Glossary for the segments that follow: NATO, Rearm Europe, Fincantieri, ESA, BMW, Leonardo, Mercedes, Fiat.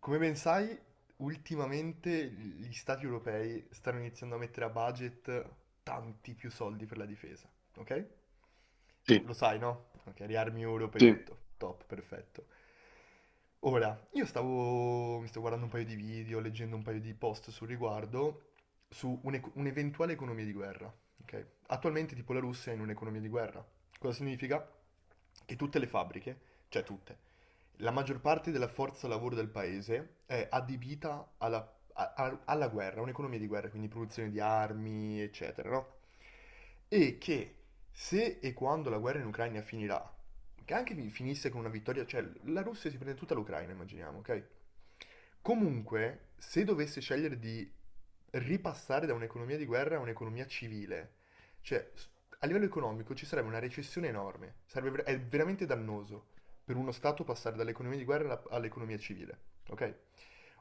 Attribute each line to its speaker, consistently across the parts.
Speaker 1: Come ben sai, ultimamente gli stati europei stanno iniziando a mettere a budget tanti più soldi per la difesa, ok?
Speaker 2: Sì,
Speaker 1: Lo sai, no? Ok, riarmi Europe e
Speaker 2: sì.
Speaker 1: tutto. Top, perfetto. Ora, mi sto guardando un paio di video, leggendo un paio di post sul riguardo, su un'eventuale economia di guerra, ok? Attualmente tipo la Russia è in un'economia di guerra. Cosa significa? Che tutte le fabbriche, cioè tutte, la maggior parte della forza lavoro del paese è adibita alla guerra, a un'economia di guerra, quindi produzione di armi, eccetera, no? E che se e quando la guerra in Ucraina finirà, che anche finisse con una vittoria, cioè la Russia si prende tutta l'Ucraina, immaginiamo, ok? Comunque, se dovesse scegliere di ripassare da un'economia di guerra a un'economia civile, cioè a livello economico ci sarebbe una recessione enorme, è veramente dannoso per uno Stato passare dall'economia di guerra all'economia civile, ok?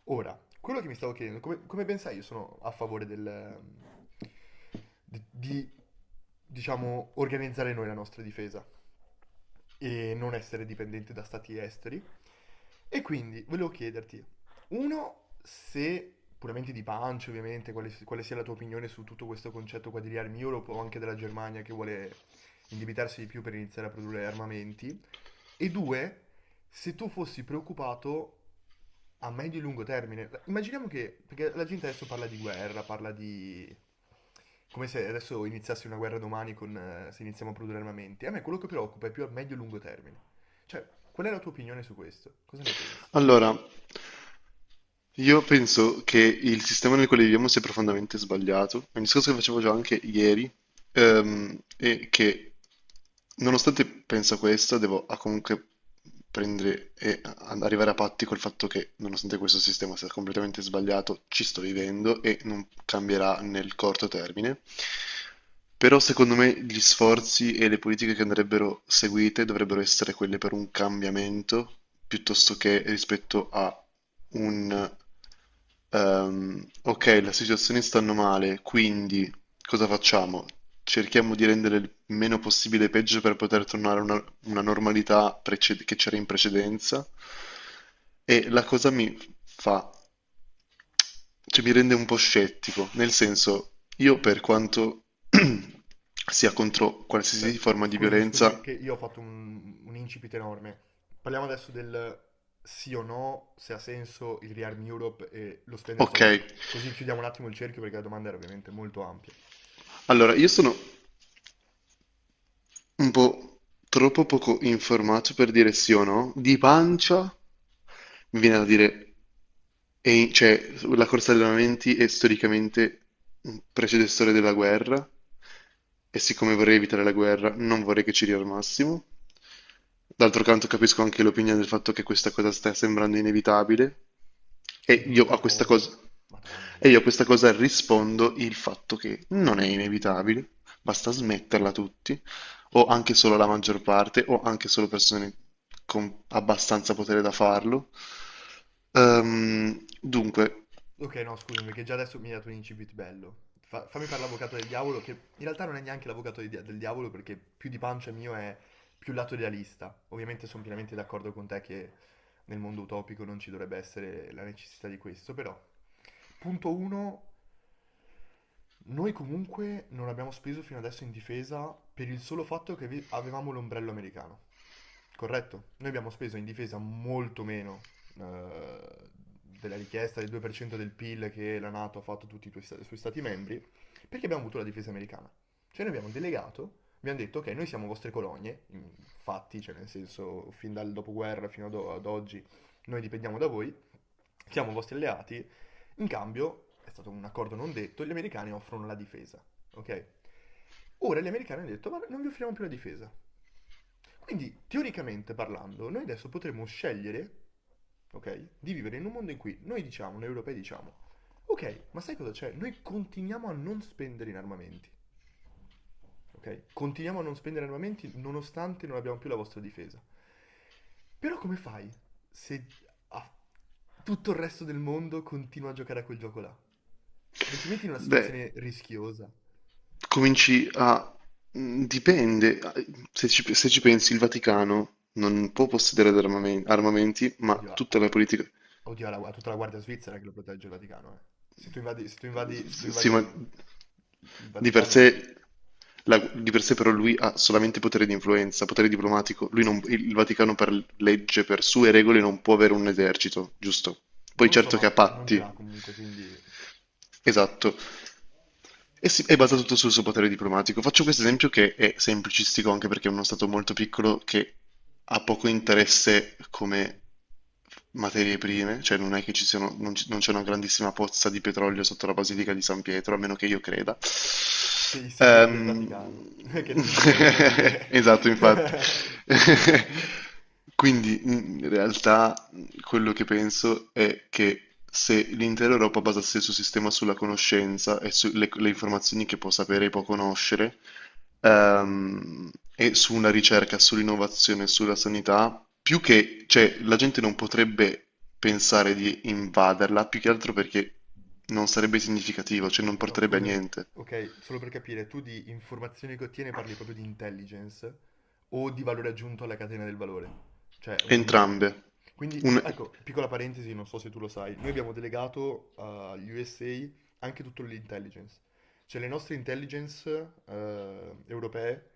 Speaker 1: Ora, quello che mi stavo chiedendo, come ben sai, io sono a favore di, diciamo, organizzare noi la nostra difesa e non essere dipendenti da stati esteri. E quindi volevo chiederti, uno, se puramente di pancia, ovviamente, quale sia la tua opinione su tutto questo concetto qua di armi Europe o anche della Germania che vuole indebitarsi di più per iniziare a produrre armamenti, e due, se tu fossi preoccupato a medio e lungo termine. Immaginiamo che, perché la gente adesso parla di guerra, parla di, come se adesso iniziasse una guerra domani con, se iniziamo a produrre armamenti. A me quello che preoccupa è più a medio e lungo termine. Cioè, qual è la tua opinione su questo? Cosa ne pensi?
Speaker 2: Allora, io penso che il sistema nel quale viviamo sia profondamente sbagliato. È un discorso che facevo già anche ieri. E che nonostante penso questo, comunque prendere e arrivare a patti col fatto che nonostante questo sistema sia completamente sbagliato, ci sto vivendo e non cambierà nel corto termine. Però secondo me gli sforzi e le politiche che andrebbero seguite dovrebbero essere quelle per un cambiamento piuttosto che rispetto a un ok, la situazione stanno male, quindi cosa facciamo? Cerchiamo di rendere il meno possibile peggio per poter tornare a una normalità che c'era in precedenza. E la cosa mi fa, cioè mi rende un po' scettico, nel senso, io per quanto sia contro qualsiasi
Speaker 1: Aspetta,
Speaker 2: forma di
Speaker 1: scusami
Speaker 2: violenza,
Speaker 1: che io ho fatto un incipit enorme. Parliamo adesso del sì o no, se ha senso il Rearm Europe e lo spendere
Speaker 2: ok.
Speaker 1: soldi. Così chiudiamo un attimo il cerchio perché la domanda era ovviamente molto ampia.
Speaker 2: Allora, io sono boh, troppo poco informato per dire sì o no. Di pancia mi viene da dire, cioè, la corsa agli allenamenti è storicamente un predecessore della guerra, e siccome vorrei evitare la guerra, non vorrei che ci riarmassimo. D'altro canto capisco anche l'opinione del fatto che questa cosa sta sembrando inevitabile, e
Speaker 1: Che
Speaker 2: io
Speaker 1: brutta
Speaker 2: a questa
Speaker 1: cosa.
Speaker 2: cosa,
Speaker 1: Madonna
Speaker 2: e
Speaker 1: mia.
Speaker 2: io a questa cosa rispondo il fatto che non è inevitabile, basta smetterla tutti o anche solo la maggior parte, o anche solo persone con abbastanza potere da farlo. Dunque,
Speaker 1: Ok, no, scusami, che già adesso mi hai dato un incipit bello. Fammi fare l'avvocato del diavolo, che in realtà non è neanche l'avvocato del diavolo, perché più di pancia mio è più lato idealista. Ovviamente sono pienamente d'accordo con te che nel mondo utopico non ci dovrebbe essere la necessità di questo, però. Punto 1. Noi comunque non abbiamo speso fino adesso in difesa per il solo fatto che avevamo l'ombrello americano. Corretto? Noi abbiamo speso in difesa molto meno eh, della richiesta del 2% del PIL che la NATO ha fatto a tutti i suoi stati membri, perché abbiamo avuto la difesa americana. Cioè noi abbiamo delegato, abbiamo detto ok, noi siamo vostre colonie, in fatti, cioè nel senso fin dal dopoguerra fino ad oggi noi dipendiamo da voi, siamo vostri alleati, in cambio, è stato un accordo non detto, gli americani offrono la difesa, ok? Ora gli americani hanno detto, ma non vi offriamo più la difesa. Quindi, teoricamente parlando, noi adesso potremmo scegliere, ok, di vivere in un mondo in cui noi diciamo, noi europei diciamo, ok, ma sai cosa c'è? Noi continuiamo a non spendere in armamenti, ok? Continuiamo a non spendere armamenti nonostante non abbiamo più la vostra difesa. Però come fai se ah, tutto il resto del mondo continua a giocare a quel gioco là? Non ti metti in una
Speaker 2: beh,
Speaker 1: situazione rischiosa?
Speaker 2: cominci a... dipende, se ci pensi, il Vaticano non può possedere armamenti, ma
Speaker 1: Oddio, a,
Speaker 2: tutta
Speaker 1: a-
Speaker 2: la politica,
Speaker 1: oddio, a tutta la guardia svizzera che lo protegge il Vaticano, eh. Se tu invadi, se tu invadi, se tu
Speaker 2: sì,
Speaker 1: invadi
Speaker 2: ma
Speaker 1: il
Speaker 2: di per
Speaker 1: Vaticano,
Speaker 2: sé, di per sé però lui ha solamente potere di influenza, potere diplomatico. Lui non- Il Vaticano per legge, per sue regole, non può avere un esercito, giusto? Poi
Speaker 1: non lo so,
Speaker 2: certo che
Speaker 1: ma
Speaker 2: ha
Speaker 1: non ce l'ha
Speaker 2: patti,
Speaker 1: comunque, quindi.
Speaker 2: esatto. È basato tutto sul suo potere diplomatico. Faccio questo esempio che è semplicistico anche perché è uno stato molto piccolo che ha poco interesse come materie prime, cioè non è che ci siano, non c'è una grandissima pozza di petrolio sotto la Basilica di San Pietro, a meno che io creda.
Speaker 1: Se i segreti del
Speaker 2: Ehm,
Speaker 1: Vaticano, che non ci vogliono dire.
Speaker 2: Esatto, infatti. Quindi in realtà quello che penso è che se l'intera Europa basasse il suo sistema sulla conoscenza e sulle le informazioni che può sapere e può conoscere, ehm, e su una ricerca, sull'innovazione, sulla sanità, più che, cioè, la gente non potrebbe pensare di invaderla, più che altro perché non sarebbe significativo, cioè non
Speaker 1: Ok, no,
Speaker 2: porterebbe a
Speaker 1: scusami.
Speaker 2: niente.
Speaker 1: Ok, solo per capire, tu di informazioni che ottieni parli proprio di intelligence o di valore aggiunto alla catena del valore? Cioè, un.
Speaker 2: Entrambe.
Speaker 1: Quindi,
Speaker 2: Un...
Speaker 1: ecco, piccola parentesi, non so se tu lo sai, noi abbiamo delegato agli USA anche tutto l'intelligence. Cioè, le nostre intelligence europee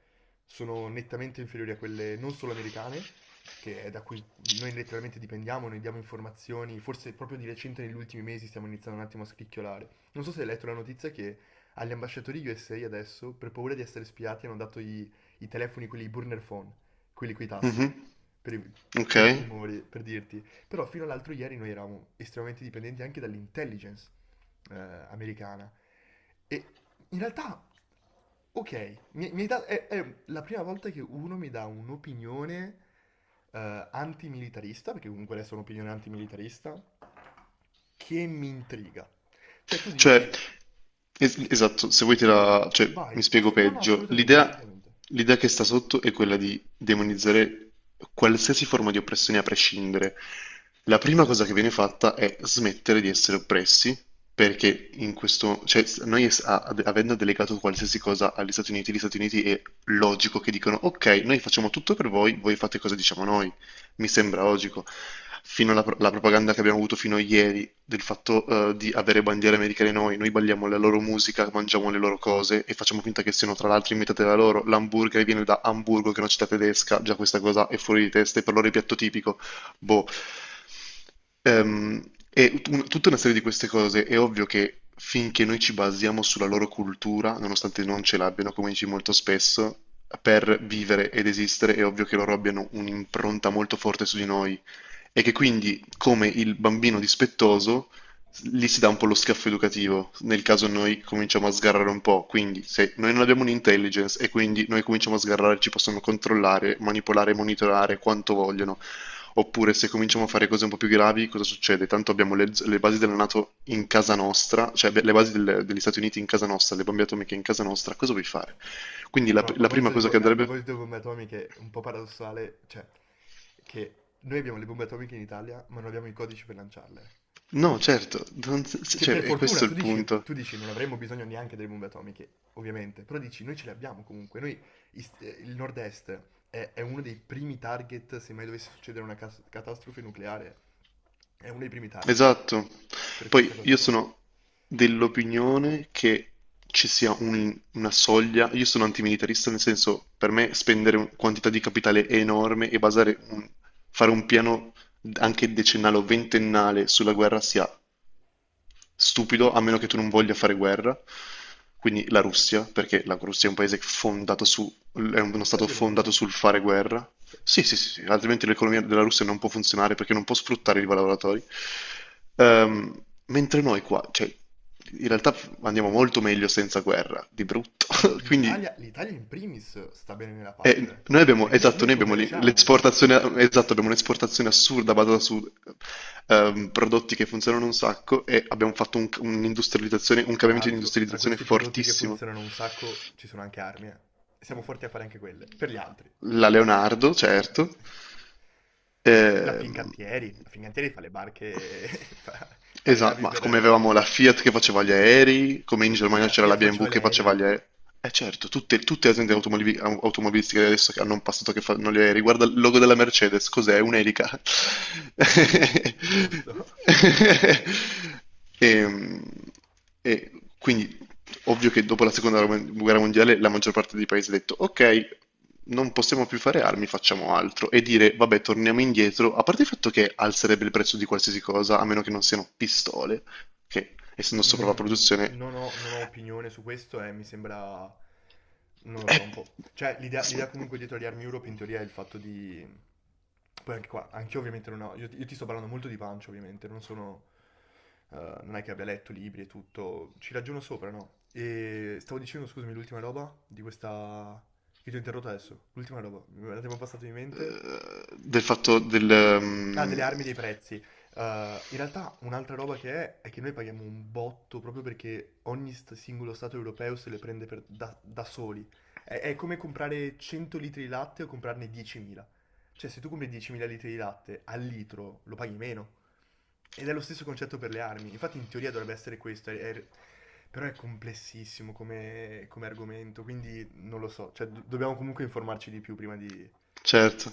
Speaker 1: sono nettamente inferiori a quelle non solo americane, che è da cui noi letteralmente dipendiamo, noi diamo informazioni, forse proprio di recente negli ultimi mesi stiamo iniziando un attimo a scricchiolare, non so se hai letto la notizia che agli ambasciatori USA adesso, per paura di essere spiati, hanno dato i telefoni, quelli i burner phone, quelli coi tasti,
Speaker 2: Mhm.
Speaker 1: per, i-
Speaker 2: Ok.
Speaker 1: per timore, per dirti. Però fino all'altro ieri noi eravamo estremamente dipendenti anche dall'intelligence americana. E in realtà, ok, mi- mi hai dato- è la prima volta che uno mi dà un'opinione antimilitarista, perché comunque adesso è un'opinione antimilitarista, che mi intriga. Cioè tu
Speaker 2: Cioè,
Speaker 1: dici,
Speaker 2: esatto, se vuoi te la... cioè, mi
Speaker 1: vai,
Speaker 2: spiego
Speaker 1: no, no,
Speaker 2: peggio.
Speaker 1: assolutamente, assolutamente.
Speaker 2: L'idea che sta sotto è quella di demonizzare qualsiasi forma di oppressione a prescindere. La prima cosa che viene fatta è smettere di essere oppressi, perché in questo... cioè, noi avendo delegato qualsiasi cosa agli Stati Uniti, gli Stati Uniti è logico che dicono, ok, noi facciamo tutto per voi, voi fate cosa diciamo noi, mi sembra logico. Fino alla la propaganda che abbiamo avuto fino a ieri del fatto di avere bandiere americane noi, noi balliamo la loro musica, mangiamo le loro cose e facciamo finta che siano tra l'altro inventate da loro. L'hamburger viene da Hamburgo, che è una città tedesca, già questa cosa è fuori di testa, e per loro è piatto tipico. Boh. Ehm, Tutta una serie di queste cose è ovvio che finché noi ci basiamo sulla loro cultura, nonostante non ce l'abbiano, come dici molto spesso, per vivere ed esistere, è ovvio che loro abbiano un'impronta molto forte su di noi e che quindi, come il bambino dispettoso, lì si dà un po' lo schiaffo educativo, nel caso noi cominciamo a sgarrare un po', quindi se noi non abbiamo un'intelligence e quindi noi cominciamo a sgarrare, ci possono controllare, manipolare, monitorare quanto vogliono. Oppure se cominciamo a fare cose un po' più gravi, cosa succede? Tanto abbiamo le basi della NATO in casa nostra, cioè le basi degli Stati Uniti in casa nostra, le bombe atomiche in casa nostra, cosa vuoi fare? Quindi
Speaker 1: A, pro- a
Speaker 2: la prima
Speaker 1: proposito di,
Speaker 2: cosa che
Speaker 1: bo- eh, a
Speaker 2: andrebbe...
Speaker 1: proposito di bombe atomiche, un po' paradossale, cioè, che noi abbiamo le bombe atomiche in Italia, ma non abbiamo i codici per lanciarle.
Speaker 2: No, certo, non-
Speaker 1: Che
Speaker 2: cioè,
Speaker 1: per
Speaker 2: è
Speaker 1: fortuna,
Speaker 2: questo il punto.
Speaker 1: tu dici, non avremmo bisogno neanche delle bombe atomiche, ovviamente, però dici, noi ce le abbiamo comunque, noi, il nord-est è uno dei primi target, se mai dovesse succedere una catastrofe nucleare, è uno dei primi target
Speaker 2: Esatto.
Speaker 1: per questa
Speaker 2: Poi
Speaker 1: cosa
Speaker 2: io
Speaker 1: qua.
Speaker 2: sono dell'opinione che ci sia una soglia, io sono antimilitarista nel senso per me spendere quantità di capitale enorme e fare un piano anche decennale o ventennale sulla guerra sia stupido, a meno che tu non voglia fare guerra. Quindi la Russia, perché la Russia è un paese fondato su, è uno
Speaker 1: La
Speaker 2: stato fondato
Speaker 1: violenza.
Speaker 2: sul fare guerra.
Speaker 1: Sì.
Speaker 2: Sì, sì, sì, sì, altrimenti l'economia della Russia non può funzionare perché non può sfruttare i lavoratori. Mentre noi qua, cioè, in realtà andiamo molto meglio senza guerra, di brutto.
Speaker 1: No, no,
Speaker 2: Quindi
Speaker 1: l'Italia in primis sta bene nella pace,
Speaker 2: noi abbiamo,
Speaker 1: perché
Speaker 2: esatto,
Speaker 1: noi
Speaker 2: noi abbiamo
Speaker 1: commerciamo.
Speaker 2: l'esportazione, esatto, abbiamo un'esportazione assurda basata su prodotti che funzionano un sacco e abbiamo fatto un'industrializzazione, un
Speaker 1: Tra
Speaker 2: cambiamento di
Speaker 1: l'altro, tra
Speaker 2: industrializzazione
Speaker 1: questi prodotti che
Speaker 2: fortissimo.
Speaker 1: funzionano un sacco ci sono anche armi, eh. Siamo forti a fare anche quelle, per gli altri.
Speaker 2: La Leonardo, certo. Ehm,
Speaker 1: La Fincantieri fa le barche, fa, fa le
Speaker 2: Esa,
Speaker 1: navi
Speaker 2: ma
Speaker 1: per...
Speaker 2: come
Speaker 1: eh,
Speaker 2: avevamo la Fiat che faceva gli aerei, come in Germania
Speaker 1: La
Speaker 2: c'era
Speaker 1: Fiat
Speaker 2: la BMW
Speaker 1: faceva gli
Speaker 2: che faceva gli
Speaker 1: aerei.
Speaker 2: aerei. Eh certo, tutte le aziende automobilistiche adesso che hanno un passato che fanno gli aerei. Guarda il logo della Mercedes, cos'è? Un'elica.
Speaker 1: Giusto.
Speaker 2: E, e quindi ovvio che dopo la seconda guerra mondiale la maggior parte dei paesi ha detto ok, non possiamo più fare armi, facciamo altro e dire vabbè, torniamo indietro, a parte il fatto che alzerebbe il prezzo di qualsiasi cosa, a meno che non siano pistole, che essendo sopra la
Speaker 1: Mm,
Speaker 2: produzione
Speaker 1: non ho, non ho opinione su questo e mi sembra, non lo
Speaker 2: è
Speaker 1: so, un po'. Cioè, l'idea comunque dietro agli Army Europe in teoria è il fatto di. Poi anche qua, anche io ovviamente non ho. Io, ti sto parlando molto di pancia ovviamente, non sono. Eh, non è che abbia letto libri e tutto, ci ragiono sopra, no? E stavo dicendo, scusami, l'ultima roba di questa, che ti ho interrotto adesso, l'ultima roba, me la siamo passata di mente.
Speaker 2: del fatto del...
Speaker 1: Ah, delle
Speaker 2: ehm,
Speaker 1: armi dei prezzi. In realtà un'altra roba che è che noi paghiamo un botto proprio perché ogni singolo stato europeo se le prende da soli. È come comprare 100 litri di latte o comprarne 10.000. Cioè, se tu compri 10.000 litri di latte al litro lo paghi meno. Ed è lo stesso concetto per le armi. Infatti, in teoria dovrebbe essere questo. Però è complessissimo come argomento, quindi non lo so. Cioè, dobbiamo comunque informarci di più prima di
Speaker 2: certo.